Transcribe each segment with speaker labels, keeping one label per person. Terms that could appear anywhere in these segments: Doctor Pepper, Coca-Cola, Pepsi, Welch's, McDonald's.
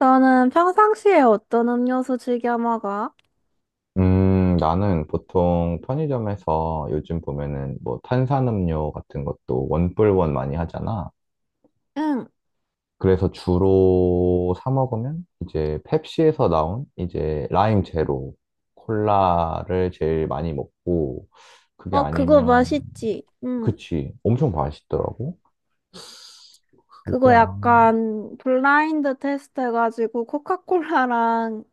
Speaker 1: 너는 평상시에 어떤 음료수 즐겨 먹어?
Speaker 2: 나는 보통 편의점에서 요즘 보면은 뭐 탄산음료 같은 것도 원뿔원 많이 하잖아.
Speaker 1: 응.
Speaker 2: 그래서 주로 사 먹으면 이제 펩시에서 나온 이제 라임 제로 콜라를 제일 많이 먹고 그게
Speaker 1: 어, 그거
Speaker 2: 아니면
Speaker 1: 맛있지? 응.
Speaker 2: 그치 엄청 맛있더라고. 그게
Speaker 1: 그거
Speaker 2: 아,
Speaker 1: 약간 블라인드 테스트 해가지고 코카콜라랑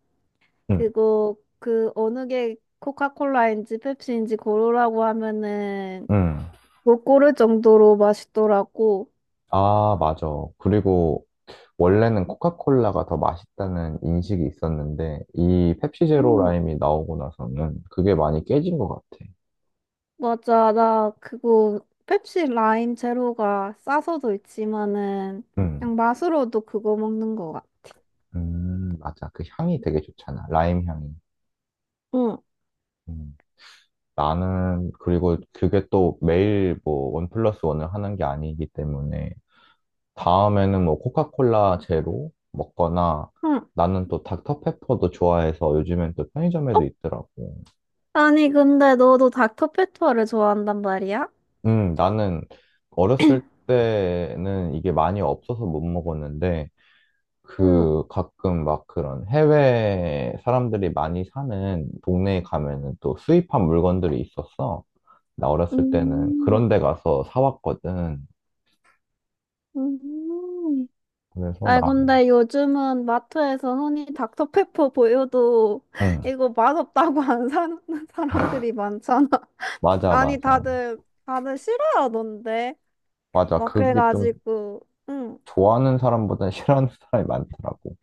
Speaker 2: 응,
Speaker 1: 그거 그 어느 게 코카콜라인지 펩시인지 고르라고 하면은
Speaker 2: 응.
Speaker 1: 못 고를 정도로 맛있더라고.
Speaker 2: 아, 맞아. 그리고 원래는 코카콜라가 더 맛있다는 인식이 있었는데 이 펩시 제로
Speaker 1: 응,
Speaker 2: 라임이 나오고 나서는 그게 많이 깨진 것 같아.
Speaker 1: 맞아. 나 그거 펩시 라임 제로가 싸서도 있지만은
Speaker 2: 음,
Speaker 1: 그냥 맛으로도 그거 먹는 거야.
Speaker 2: 맞아. 그 향이 되게 좋잖아. 라임 향이.
Speaker 1: 응.
Speaker 2: 음. 나는 그리고 그게 또 매일 뭐 원 플러스 원을 하는 게 아니기 때문에 다음에는 뭐 코카콜라 제로 먹거나
Speaker 1: 응.
Speaker 2: 나는 또 닥터페퍼도 좋아해서 요즘엔 또
Speaker 1: 어,
Speaker 2: 편의점에도 있더라고.
Speaker 1: 아니, 근데 너도 닥터페퍼를 좋아한단 말이야?
Speaker 2: 나는 어렸을 때는 이게 많이 없어서 못 먹었는데,
Speaker 1: 응,
Speaker 2: 그 가끔 막 그런 해외 사람들이 많이 사는 동네에 가면은 또 수입한 물건들이 있었어. 나 어렸을 때는
Speaker 1: 음,
Speaker 2: 그런 데 가서 사왔거든.
Speaker 1: 음.
Speaker 2: 그래서
Speaker 1: 아,
Speaker 2: 나,
Speaker 1: 근데 요즘은 마트에서 흔히 닥터페퍼 보여도
Speaker 2: 응,
Speaker 1: 이거 맛없다고 안 사는 사람들이 많잖아.
Speaker 2: 맞아,
Speaker 1: 아니,
Speaker 2: 맞아.
Speaker 1: 다들 싫어하던데.
Speaker 2: 맞아.
Speaker 1: 막
Speaker 2: 그게 좀
Speaker 1: 그래가지고, 응.
Speaker 2: 좋아하는 사람보다 싫어하는 사람이 많더라고.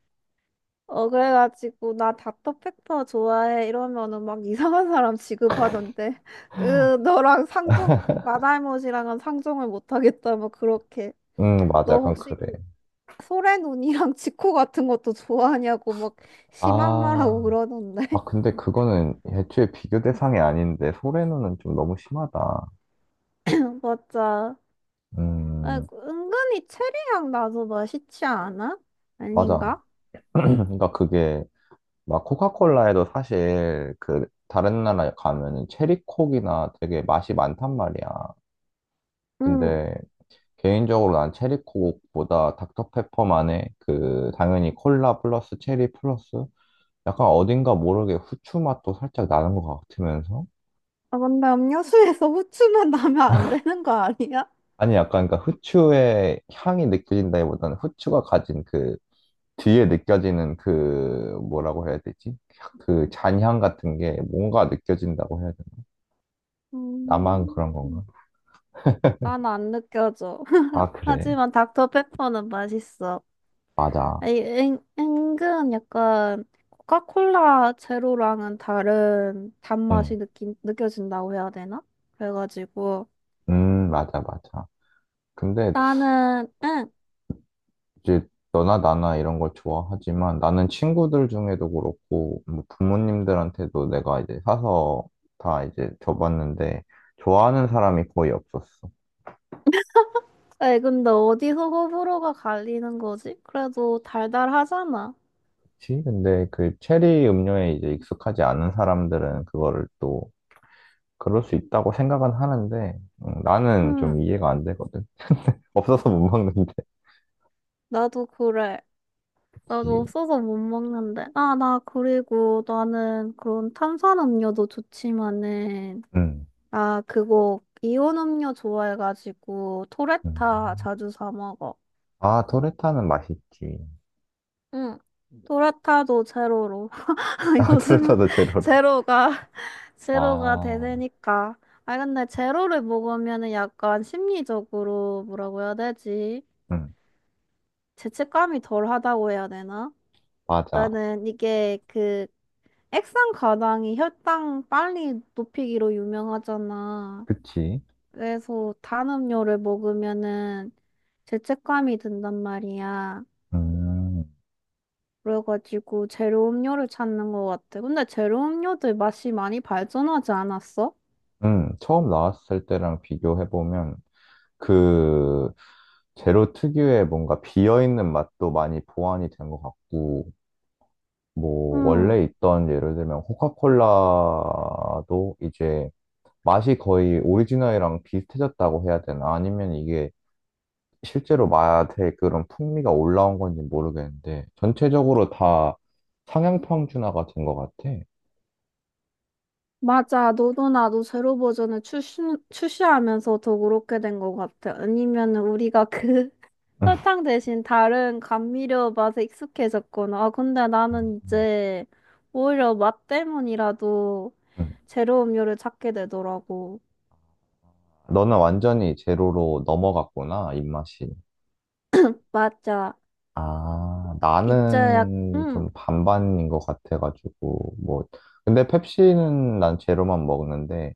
Speaker 1: 어, 그래가지고, 나 닥터페퍼 좋아해. 이러면은 막 이상한 사람 취급하던데. 으, 너랑 상종, 마달못이랑은 상종을 못하겠다. 뭐 그렇게.
Speaker 2: 응, 맞아.
Speaker 1: 너
Speaker 2: 약간
Speaker 1: 혹시
Speaker 2: 그래.
Speaker 1: 소래눈이랑 지코 같은 것도 좋아하냐고 막 심한 말하고
Speaker 2: 아,
Speaker 1: 그러던데.
Speaker 2: 아, 근데 그거는 애초에 비교 대상이 아닌데, 소래는은 좀 너무 심하다.
Speaker 1: 맞아. 아,
Speaker 2: 음,
Speaker 1: 은근히 체리향 나도 맛있지 않아?
Speaker 2: 맞아.
Speaker 1: 아닌가?
Speaker 2: 그러니까 그게 막 코카콜라에도 사실 그 다른 나라에 가면은 체리콕이나 되게 맛이 많단 말이야.
Speaker 1: 응.
Speaker 2: 근데 개인적으로 난 체리콕보다 닥터페퍼만의 그 당연히 콜라 플러스 체리 플러스 약간 어딘가 모르게 후추 맛도 살짝 나는 것 같으면서
Speaker 1: 아, 근데 음료수에서 후추만 나면 안 되는 거 아니야?
Speaker 2: 아니 약간 그러니까 후추의 향이 느껴진다기보다는 후추가 가진 그 뒤에 느껴지는 그 뭐라고 해야 되지? 그 잔향 같은 게 뭔가 느껴진다고 해야 되나? 나만
Speaker 1: 음,
Speaker 2: 그런 건가?
Speaker 1: 난 안 느껴져.
Speaker 2: 아, 그래.
Speaker 1: 하지만 닥터페퍼는 맛있어.
Speaker 2: 맞아.
Speaker 1: 아니, 은근 약간 코카콜라 제로랑은 다른
Speaker 2: 응.
Speaker 1: 단맛이 느껴진다고 해야 되나? 그래가지고
Speaker 2: 맞아, 맞아. 근데
Speaker 1: 나는 응.
Speaker 2: 이제 너나 나나 이런 걸 좋아하지만 나는 친구들 중에도 그렇고 뭐 부모님들한테도 내가 이제 사서 다 이제 줘봤는데 좋아하는 사람이 거의 없었어.
Speaker 1: 아 근데 어디서 호불호가 갈리는 거지? 그래도 달달하잖아.
Speaker 2: 그치? 근데 그 체리 음료에 이제 익숙하지 않은 사람들은 그거를 또 그럴 수 있다고 생각은 하는데, 나는
Speaker 1: 응,
Speaker 2: 좀 이해가 안 되거든. 없어서 못 먹는데.
Speaker 1: 나도 그래. 나도
Speaker 2: 그치.
Speaker 1: 없어서 못 먹는데. 아, 나 그리고 나는 그런 탄산음료도 좋지만은
Speaker 2: 음,
Speaker 1: 아, 그거 이온 음료 좋아해가지고 토레타
Speaker 2: 음.
Speaker 1: 자주 사 먹어.
Speaker 2: 아, 토레타는 맛있지.
Speaker 1: 응. 도라타도 제로로.
Speaker 2: 아,
Speaker 1: 요즘은
Speaker 2: 토레타도 제로로.
Speaker 1: 제로가, 제로가
Speaker 2: 아,
Speaker 1: 대세니까. 아, 근데 제로를 먹으면은 약간 심리적으로 뭐라고 해야 되지?
Speaker 2: 음,
Speaker 1: 죄책감이 덜 하다고 해야 되나?
Speaker 2: 맞아.
Speaker 1: 나는 이게 그 액상 가당이 혈당 빨리 높이기로 유명하잖아.
Speaker 2: 그치.
Speaker 1: 그래서 단 음료를 먹으면은 죄책감이 든단 말이야.
Speaker 2: 음,
Speaker 1: 그래가지고 제로 음료를 찾는 것 같아. 근데 제로 음료들 맛이 많이 발전하지 않았어?
Speaker 2: 처음 나왔을 때랑 비교해보면, 그, 제로 특유의 뭔가 비어있는 맛도 많이 보완이 된 것 같고, 뭐,
Speaker 1: 응,
Speaker 2: 원래 있던 예를 들면 코카콜라도 이제 맛이 거의 오리지널이랑 비슷해졌다고 해야 되나? 아니면 이게 실제로 맛의 그런 풍미가 올라온 건지 모르겠는데, 전체적으로 다 상향평준화가 된 것 같아.
Speaker 1: 맞아. 너도 나도 제로 버전을 출시하면서 더 그렇게 된 것 같아. 아니면 우리가 그
Speaker 2: 음.
Speaker 1: 설탕 대신 다른 감미료 맛에 익숙해졌구나. 아, 근데 나는 이제 오히려 맛 때문이라도
Speaker 2: 음.
Speaker 1: 제로 음료를 찾게 되더라고.
Speaker 2: 너는 완전히 제로로 넘어갔구나, 입맛이.
Speaker 1: 맞아.
Speaker 2: 아,
Speaker 1: 이제
Speaker 2: 나는
Speaker 1: 응,
Speaker 2: 좀 반반인 것 같아가지고, 뭐. 근데 펩시는 난 제로만 먹는데,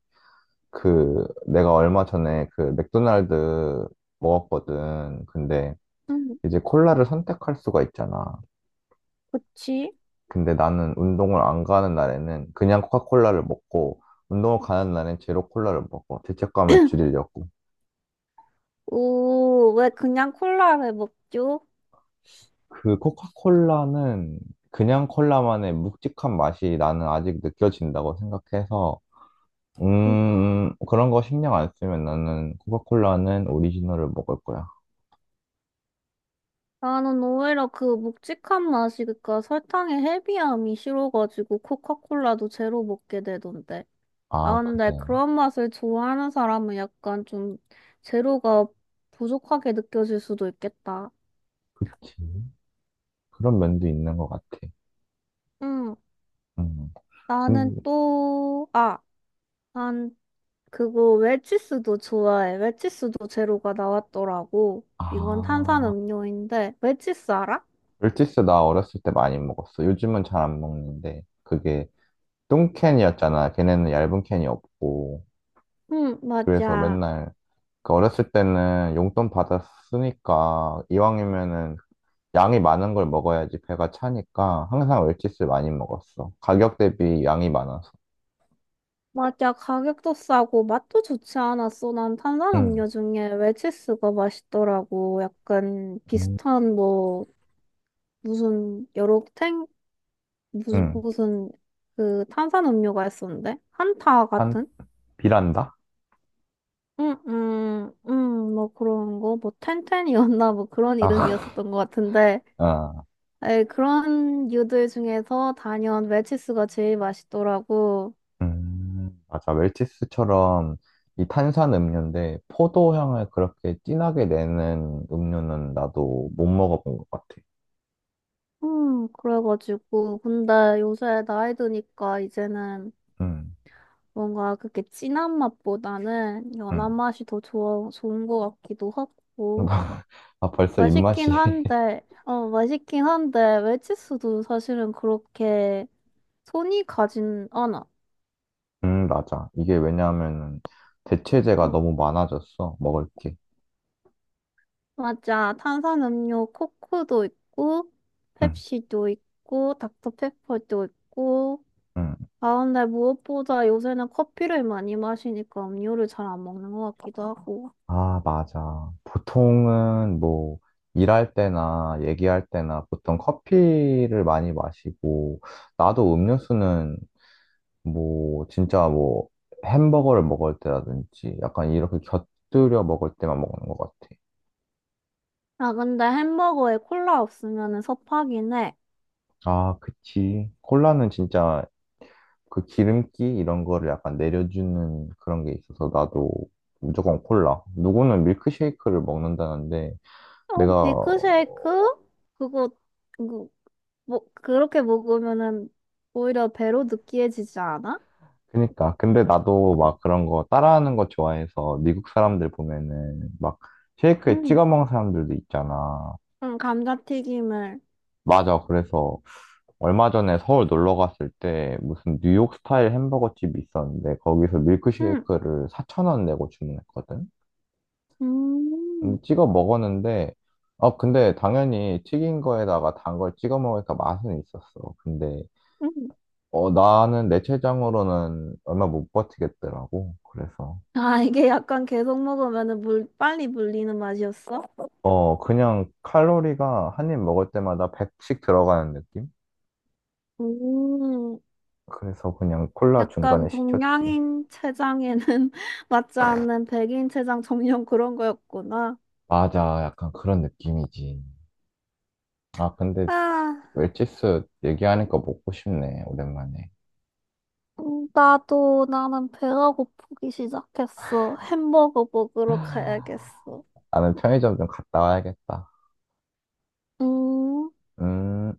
Speaker 2: 그, 내가 얼마 전에 그 맥도날드 먹었거든. 근데
Speaker 1: 응,
Speaker 2: 이제 콜라를 선택할 수가 있잖아.
Speaker 1: 그치?
Speaker 2: 근데 나는 운동을 안 가는 날에는 그냥 코카콜라를 먹고, 운동을 가는 날엔 제로 콜라를 먹어. 죄책감을 줄이려고.
Speaker 1: 오, 왜 그냥 콜라를 먹죠?
Speaker 2: 그 코카콜라는 그냥 콜라만의 묵직한 맛이 나는 아직 느껴진다고 생각해서, 그런 거 신경 안 쓰면 나는 코카콜라는 오리지널을 먹을 거야.
Speaker 1: 나는 오히려 그 묵직한 맛이, 그니까 설탕의 헤비함이 싫어가지고 코카콜라도 제로 먹게 되던데.
Speaker 2: 아,
Speaker 1: 아, 근데
Speaker 2: 그래.
Speaker 1: 그런 맛을 좋아하는 사람은 약간 좀 제로가 부족하게 느껴질 수도 있겠다.
Speaker 2: 그치. 그런 면도 있는 것 같아.
Speaker 1: 응,
Speaker 2: 음. 근
Speaker 1: 나는 또, 아, 난 그거 웰치스도 좋아해. 웰치스도 제로가 나왔더라고. 이건 탄산
Speaker 2: 아.
Speaker 1: 음료인데, 웰치스 알아?
Speaker 2: 물티스 나 어렸을 때 많이 먹었어. 요즘은 잘 안 먹는데 그게 뚱캔이었잖아. 걔네는 얇은 캔이 없고
Speaker 1: 응,
Speaker 2: 그래서
Speaker 1: 맞아.
Speaker 2: 맨날 그 어렸을 때는 용돈 받았으니까 이왕이면은 양이 많은 걸 먹어야지 배가 차니까 항상 물티스 많이 먹었어. 가격 대비 양이 많아서.
Speaker 1: 맞아, 가격도 싸고 맛도 좋지 않았어. 난
Speaker 2: 응,
Speaker 1: 탄산음료 중에 웰치스가 맛있더라고. 약간
Speaker 2: 응,
Speaker 1: 비슷한 뭐 무슨 여러 탱 무슨
Speaker 2: 응.
Speaker 1: 무슨 그 탄산음료가 있었는데 한타
Speaker 2: 한
Speaker 1: 같은?
Speaker 2: 비란다?
Speaker 1: 응, 응, 응, 뭐 그런 거, 뭐 텐텐이었나 뭐 그런
Speaker 2: 아,
Speaker 1: 이름이었었던 것 같은데,
Speaker 2: 어.
Speaker 1: 에 그런 유들 중에서 단연 웰치스가 제일 맛있더라고.
Speaker 2: 맞아. 웰치스처럼 이 탄산 음료인데 포도향을 그렇게 진하게 내는 음료는 나도 못 먹어본 것 같아.
Speaker 1: 그래가지고 근데 요새 나이 드니까 이제는
Speaker 2: 음,
Speaker 1: 뭔가 그렇게 진한 맛보다는 연한
Speaker 2: 음.
Speaker 1: 맛이 더 좋은 것 같기도 하고.
Speaker 2: 아, 벌써 입맛이.
Speaker 1: 맛있긴 한데, 어, 맛있긴 한데, 외치수도 사실은 그렇게 손이 가진 않아.
Speaker 2: 맞아. 이게 왜냐하면 대체재가
Speaker 1: 응.
Speaker 2: 너무 많아졌어. 먹을 게.
Speaker 1: 맞아. 탄산음료 코크도 있고,
Speaker 2: 음,
Speaker 1: 펩시도 있고, 닥터페퍼도 있고.
Speaker 2: 음.
Speaker 1: 아, 근데 무엇보다 요새는 커피를 많이 마시니까 음료를 잘 안 먹는 것 같기도 하고.
Speaker 2: 아, 맞아. 보통은 뭐 일할 때나 얘기할 때나 보통 커피를 많이 마시고 나도 음료수는 뭐, 진짜 뭐, 햄버거를 먹을 때라든지, 약간 이렇게 곁들여 먹을 때만 먹는 것 같아.
Speaker 1: 아, 근데 햄버거에 콜라 없으면 섭하긴 해.
Speaker 2: 아, 그치. 콜라는 진짜 그 기름기 이런 거를 약간 내려주는 그런 게 있어서 나도 무조건 콜라. 누구는 밀크쉐이크를 먹는다는데,
Speaker 1: 어,
Speaker 2: 내가,
Speaker 1: 밀크쉐이크? 그거, 그거, 뭐, 그렇게 먹으면은 오히려 배로 느끼해지지 않아?
Speaker 2: 그니까. 근데 나도 막 그런 거 따라하는 거 좋아해서 미국 사람들 보면은 막 쉐이크에
Speaker 1: 응,
Speaker 2: 찍어 먹는 사람들도 있잖아.
Speaker 1: 응, 감자튀김을.
Speaker 2: 맞아. 그래서 얼마 전에 서울 놀러 갔을 때 무슨 뉴욕 스타일 햄버거 집이 있었는데 거기서
Speaker 1: 응,
Speaker 2: 밀크쉐이크를 4,000원 내고 주문했거든?
Speaker 1: 음,
Speaker 2: 근데 찍어 먹었는데, 아, 근데 당연히 튀긴 거에다가 단 걸 찍어 먹으니까 맛은 있었어. 근데,
Speaker 1: 응.
Speaker 2: 어, 나는 내 체장으로는 얼마 못 버티겠더라고. 그래서,
Speaker 1: 아, 이게 약간 계속 먹으면은 빨리 물리는 맛이었어?
Speaker 2: 어, 그냥 칼로리가 한 입 먹을 때마다 100씩 들어가는 느낌?
Speaker 1: 음,
Speaker 2: 그래서 그냥 콜라
Speaker 1: 약간
Speaker 2: 중간에 시켰지.
Speaker 1: 동양인 체장에는 맞지 않는 백인 체장 전용 그런 거였구나.
Speaker 2: 맞아. 약간 그런 느낌이지. 아, 근데
Speaker 1: 아.
Speaker 2: 웰치스 얘기하니까 먹고 싶네, 오랜만에.
Speaker 1: 나도 나는 배가 고프기 시작했어. 햄버거 먹으러 가야겠어.
Speaker 2: 나는 편의점 좀 갔다 와야겠다.
Speaker 1: 음.
Speaker 2: 음.